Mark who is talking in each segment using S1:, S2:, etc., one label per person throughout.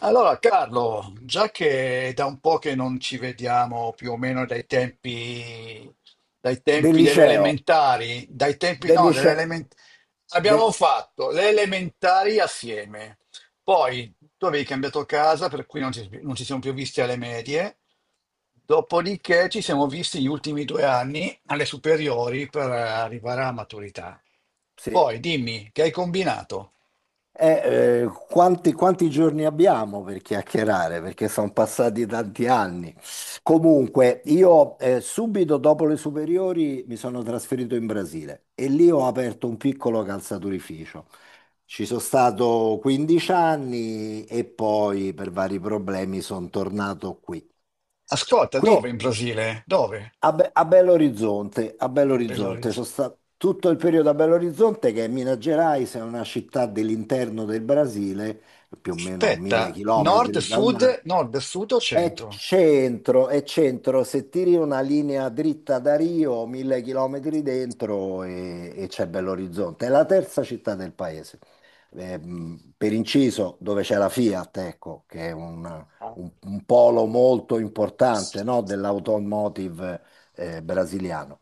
S1: Allora, Carlo, già che è da un po' che non ci vediamo più o meno dai tempi, dai
S2: Del
S1: tempi delle
S2: liceo,
S1: elementari, dai tempi
S2: del
S1: no, delle
S2: lice-
S1: element-
S2: de-
S1: abbiamo fatto le elementari assieme, poi tu avevi cambiato casa, per cui non ci siamo più visti alle medie, dopodiché ci siamo visti gli ultimi due anni alle superiori per arrivare alla maturità.
S2: Sì.
S1: Poi dimmi, che hai combinato?
S2: Quanti giorni abbiamo per chiacchierare? Perché sono passati tanti anni. Comunque, io subito dopo le superiori mi sono trasferito in Brasile e lì ho aperto un piccolo calzaturificio. Ci sono stato 15 anni e poi per vari problemi sono tornato qui.
S1: Ascolta,
S2: Qui
S1: dove in Brasile? Dove?
S2: A Belo
S1: Belo
S2: Horizonte, sono stato tutto il periodo a Belo Horizonte, che è Minas Gerais, è una città dell'interno del Brasile, più o meno
S1: Aspetta,
S2: mille chilometri dal mare.
S1: nord, sud o centro?
S2: È centro, se tiri una linea dritta da Rio, 1000 chilometri dentro e c'è Bell'Orizzonte. È la terza città del paese. Per inciso, dove c'è la Fiat, ecco, che è un polo molto importante, no, dell'automotive brasiliano.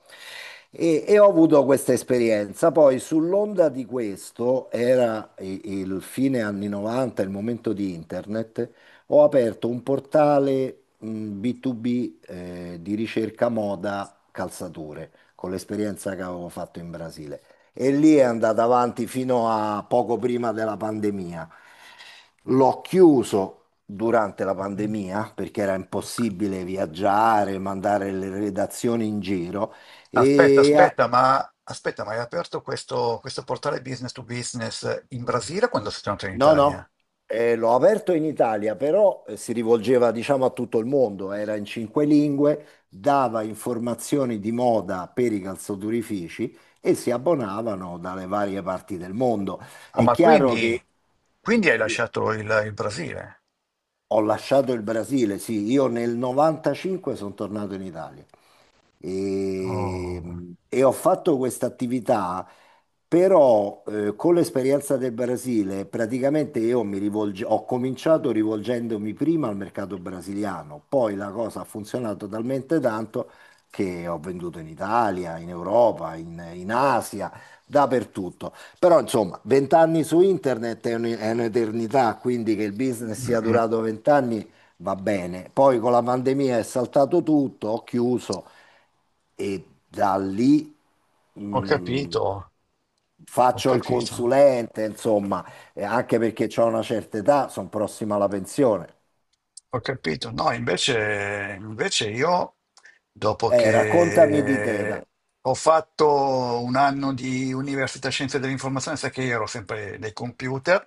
S2: E ho avuto questa esperienza. Poi, sull'onda di questo, era il fine anni 90, il momento di internet. Ho aperto un portale B2B di ricerca moda calzature con l'esperienza che avevo fatto in Brasile e lì è andata avanti fino a poco prima della pandemia. L'ho chiuso durante la pandemia perché era impossibile viaggiare, mandare le redazioni in giro
S1: Aspetta,
S2: e
S1: aspetta, ma hai aperto questo portale business to business in Brasile quando sei tornato in
S2: no, no,
S1: Italia?
S2: l'ho aperto in Italia, però si rivolgeva, diciamo, a tutto il mondo, era in cinque lingue, dava informazioni di moda per i calzaturifici e si abbonavano dalle varie parti del mondo.
S1: Ah,
S2: È
S1: ma
S2: chiaro
S1: quindi,
S2: che
S1: quindi hai
S2: l-
S1: lasciato il Brasile?
S2: ho lasciato il Brasile, sì, io nel 95 sono tornato in Italia. E,
S1: Oh.
S2: e ho fatto questa attività, però con l'esperienza del Brasile, praticamente io ho cominciato rivolgendomi prima al mercato brasiliano, poi la cosa ha funzionato talmente tanto che ho venduto in Italia, in Europa, in Asia, dappertutto. Però insomma, vent'anni su internet è è un'eternità, quindi che il business
S1: Mm,
S2: sia
S1: mm.
S2: durato vent'anni va bene. Poi con la pandemia è saltato tutto, ho chiuso e da lì
S1: Ho
S2: mh,
S1: capito, ho
S2: faccio il
S1: capito.
S2: consulente, insomma, e anche perché ho una certa età, sono prossima alla pensione.
S1: Ho capito, no, invece io, dopo
S2: Raccontami di te, da.
S1: che ho fatto un anno di Università Scienze dell'Informazione, sai che io ero sempre nei computer,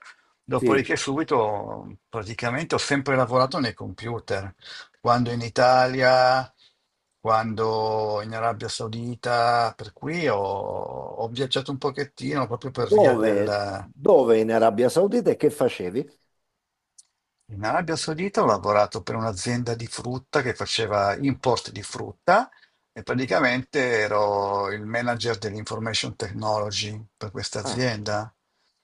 S2: Sì.
S1: dopodiché subito praticamente ho sempre lavorato nei computer, quando in Italia, quando in Arabia Saudita, per cui ho viaggiato un pochettino proprio per via
S2: Dove,
S1: del.
S2: dove in Arabia Saudita e che facevi?
S1: In Arabia Saudita ho lavorato per un'azienda di frutta che faceva import di frutta e
S2: Mm.
S1: praticamente ero il manager dell'information technology per questa
S2: Ah,
S1: azienda.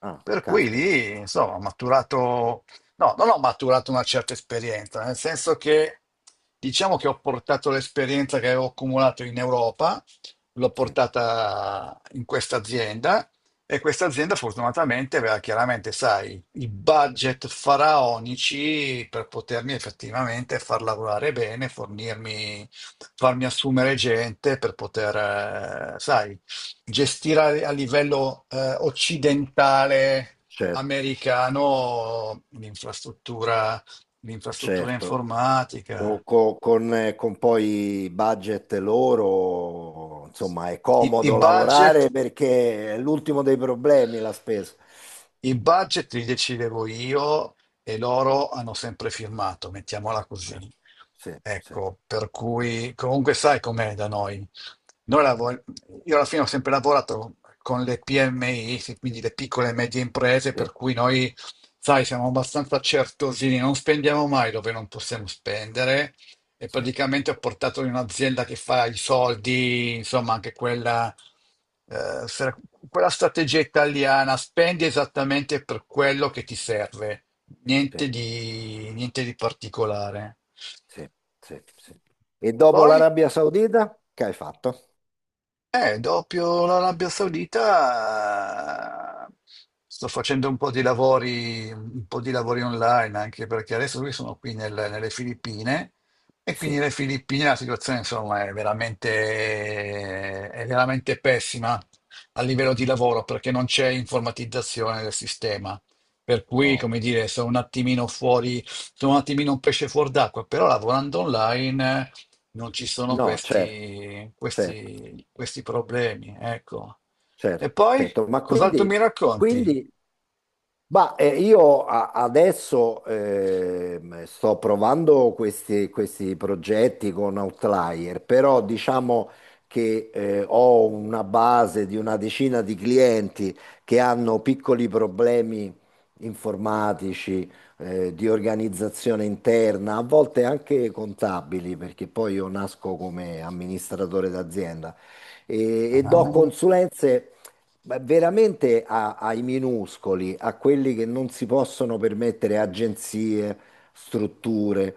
S2: ah,
S1: Per cui
S2: caspita,
S1: lì, insomma, ho maturato, no, non ho maturato una certa esperienza, nel senso che diciamo che ho portato l'esperienza che avevo accumulato in Europa, l'ho
S2: sì,
S1: portata in questa azienda e questa azienda fortunatamente aveva chiaramente, sai, i budget faraonici per potermi effettivamente far lavorare bene, fornirmi, farmi assumere gente per poter, sai, gestire a livello occidentale
S2: certo,
S1: americano l'infrastruttura, l'infrastruttura
S2: certo.
S1: informatica.
S2: Con, con poi budget loro, insomma, è
S1: I, i
S2: comodo
S1: budget
S2: lavorare perché è l'ultimo dei problemi la spesa.
S1: I budget li decidevo io e loro hanno sempre firmato, mettiamola
S2: Eh,
S1: così.
S2: Sì, sì,
S1: Ecco, per cui comunque sai com'è da noi. Noi lavor- io alla fine ho sempre lavorato con le PMI, sì, quindi le piccole e medie imprese,
S2: sì,
S1: per cui noi, sai, siamo abbastanza certosini, non spendiamo mai dove non possiamo spendere e
S2: sì,
S1: praticamente ho portato in un'azienda che fa i soldi, insomma, anche quella, eh, se- quella strategia italiana, spendi esattamente per quello che ti serve,
S2: sì,
S1: niente di particolare.
S2: sì, sì, sì. E dopo
S1: Poi?
S2: l'Arabia Saudita, che hai fatto?
S1: Dopo l'Arabia Saudita sto facendo un po' di lavori, un po' di lavori online, anche perché adesso qui sono qui nelle Filippine e quindi
S2: Sì,
S1: nelle Filippine la situazione insomma è veramente pessima a livello di lavoro perché non c'è informatizzazione del sistema. Per cui,
S2: no,
S1: come dire, sono un attimino fuori, sono un attimino un pesce fuor d'acqua, però lavorando online non ci sono
S2: no, certo,
S1: questi,
S2: certo,
S1: questi, questi problemi, ecco.
S2: certo,
S1: E poi,
S2: certo. Ma
S1: cos'altro mi
S2: quindi,
S1: racconti?
S2: quindi ma io adesso sto provando questi, questi progetti con Outlier, però diciamo che ho una base di una decina di clienti che hanno piccoli problemi informatici, di organizzazione interna, a volte anche contabili, perché poi io nasco come amministratore d'azienda e do
S1: Ah,
S2: consulenze ma veramente ai minuscoli, a quelli che non si possono permettere agenzie, strutture.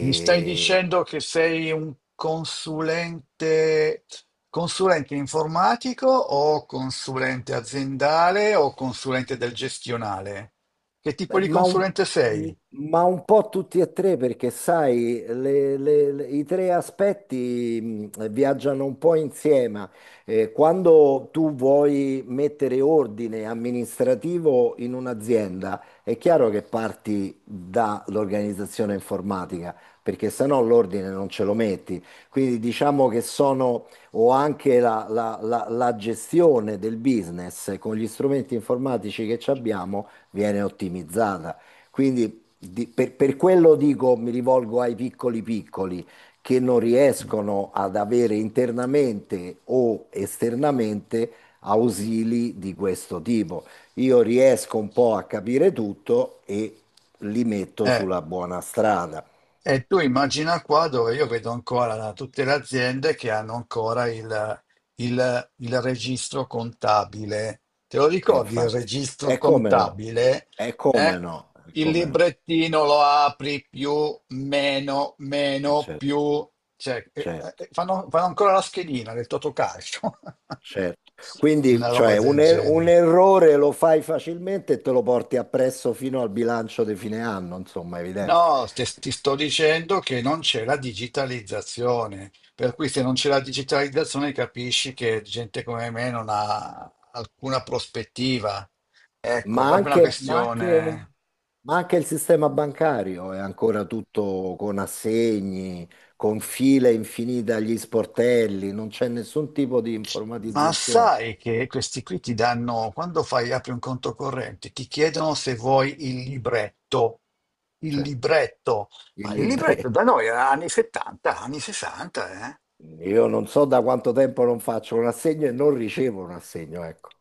S1: mi stai dicendo che sei un consulente, consulente informatico o consulente aziendale o consulente del gestionale? Che tipo
S2: Beh,
S1: di consulente sei?
S2: Ma un po' tutti e tre, perché sai, i tre aspetti viaggiano un po' insieme. Quando tu vuoi mettere ordine amministrativo in un'azienda, è chiaro che parti dall'organizzazione informatica, perché se no l'ordine non ce lo metti. Quindi diciamo che sono, o anche la gestione del business con gli strumenti informatici che ci abbiamo viene ottimizzata. Quindi per quello dico, mi rivolgo ai piccoli piccoli che non riescono ad avere internamente o esternamente ausili di questo tipo. Io riesco un po' a capire tutto e li metto
S1: Eh.
S2: sulla buona strada.
S1: E tu immagina qua dove io vedo ancora tutte le aziende che hanno ancora il registro contabile. Te lo
S2: E
S1: ricordi il
S2: infatti,
S1: registro
S2: è come no,
S1: contabile?
S2: è come
S1: Eh?
S2: no, è
S1: Il
S2: come no,
S1: librettino lo apri più, meno,
S2: è
S1: meno,
S2: certo,
S1: più. Cioè,
S2: certo.
S1: fanno ancora la schedina del Totocalcio.
S2: Certo. Quindi,
S1: Una roba
S2: cioè,
S1: del
S2: un
S1: genere.
S2: errore lo fai facilmente e te lo porti appresso fino al bilancio di fine anno, insomma, è evidente.
S1: No, ti sto dicendo che non c'è la digitalizzazione, per cui se non c'è la digitalizzazione capisci che gente come me non ha alcuna prospettiva. Ecco,
S2: Ma
S1: proprio una
S2: anche, ma anche-
S1: questione.
S2: ma anche il sistema bancario è ancora tutto con assegni, con file infinite agli sportelli, non c'è nessun tipo di
S1: Ma
S2: informatizzazione.
S1: sai che questi qui ti danno, quando fai, apri un conto corrente, ti chiedono se vuoi il libretto. Il
S2: Certo,
S1: libretto.
S2: il
S1: Ma il
S2: libro.
S1: libretto da noi era anni 70, anni 60, eh?
S2: Io non so da quanto tempo non faccio un assegno e non ricevo un assegno, ecco.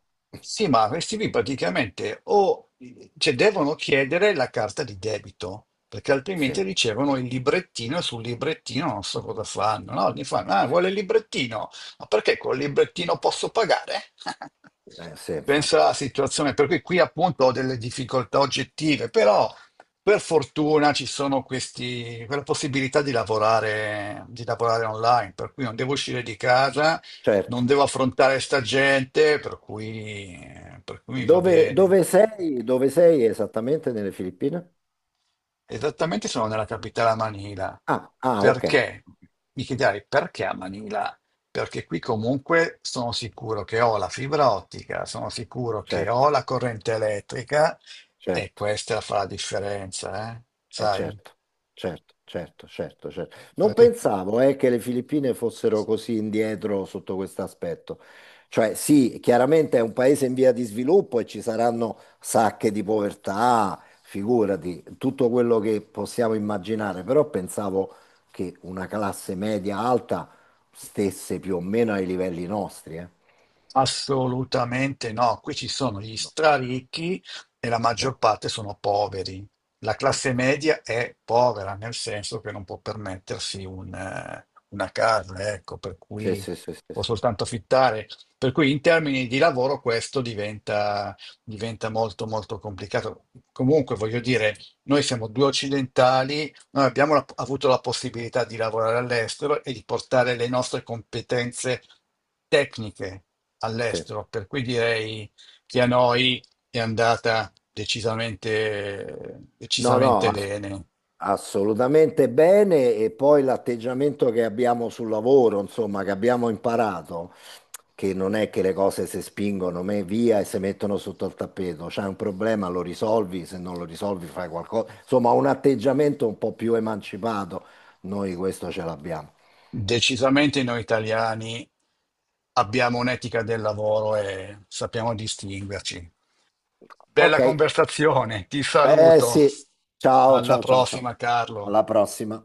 S1: Sì, ma questi qui praticamente o cioè, devono chiedere la carta di debito, perché
S2: Sì,
S1: altrimenti ricevono il librettino e sul librettino non so cosa fanno. No? Gli fanno, ah,
S2: sì,
S1: vuole il librettino, ma perché col librettino posso pagare?
S2: sì,
S1: Pensa
S2: infatti.
S1: alla situazione, per cui qui appunto ho delle difficoltà oggettive, però per fortuna ci sono quella possibilità di lavorare, online, per cui non devo uscire di casa,
S2: Certo.
S1: non devo affrontare sta gente, per cui mi va
S2: Dove,
S1: bene.
S2: dove sei? Dove sei esattamente nelle Filippine?
S1: Esattamente sono nella capitale a Manila.
S2: Ah, ah, ok.
S1: Perché? Mi chiederai perché a Manila? Perché qui comunque sono sicuro che ho la fibra ottica, sono sicuro che
S2: Certo,
S1: ho la corrente elettrica e
S2: certo,
S1: questa fa la differenza, eh? Sai?
S2: certo, certo, certo, certo, certo. Non
S1: Perché?
S2: pensavo, che le Filippine fossero così indietro sotto questo aspetto. Cioè, sì, chiaramente è un paese in via di sviluppo e ci saranno sacche di povertà, figurati, tutto quello che possiamo immaginare, però pensavo che una classe media alta stesse più o meno ai livelli nostri, eh.
S1: Assolutamente no, qui ci sono gli straricchi e la
S2: Cioè,
S1: maggior parte sono poveri. La classe
S2: mm.
S1: media è povera, nel senso che non può permettersi una casa, ecco, per
S2: Sì,
S1: cui
S2: sì, sì, sì,
S1: può
S2: sì,
S1: soltanto affittare. Per cui in termini di lavoro questo diventa, molto molto complicato. Comunque, voglio dire, noi siamo due occidentali, noi abbiamo avuto la possibilità di lavorare all'estero e di portare le nostre competenze tecniche
S2: sì.
S1: all'estero, per cui direi che a noi è andata decisamente,
S2: No,
S1: decisamente
S2: no, ass-
S1: bene.
S2: Assolutamente bene. E poi l'atteggiamento che abbiamo sul lavoro, insomma, che abbiamo imparato, che non è che le cose si spingono via e si mettono sotto al tappeto. C'è un problema, lo risolvi, se non lo risolvi fai qualcosa. Insomma, un atteggiamento un po' più emancipato. Noi questo ce l'abbiamo.
S1: Decisamente noi italiani abbiamo un'etica del lavoro e sappiamo distinguerci. Bella
S2: Ok,
S1: conversazione, ti
S2: eh
S1: saluto.
S2: sì. Ciao,
S1: Alla
S2: ciao, ciao, ciao.
S1: prossima, Carlo.
S2: Alla prossima.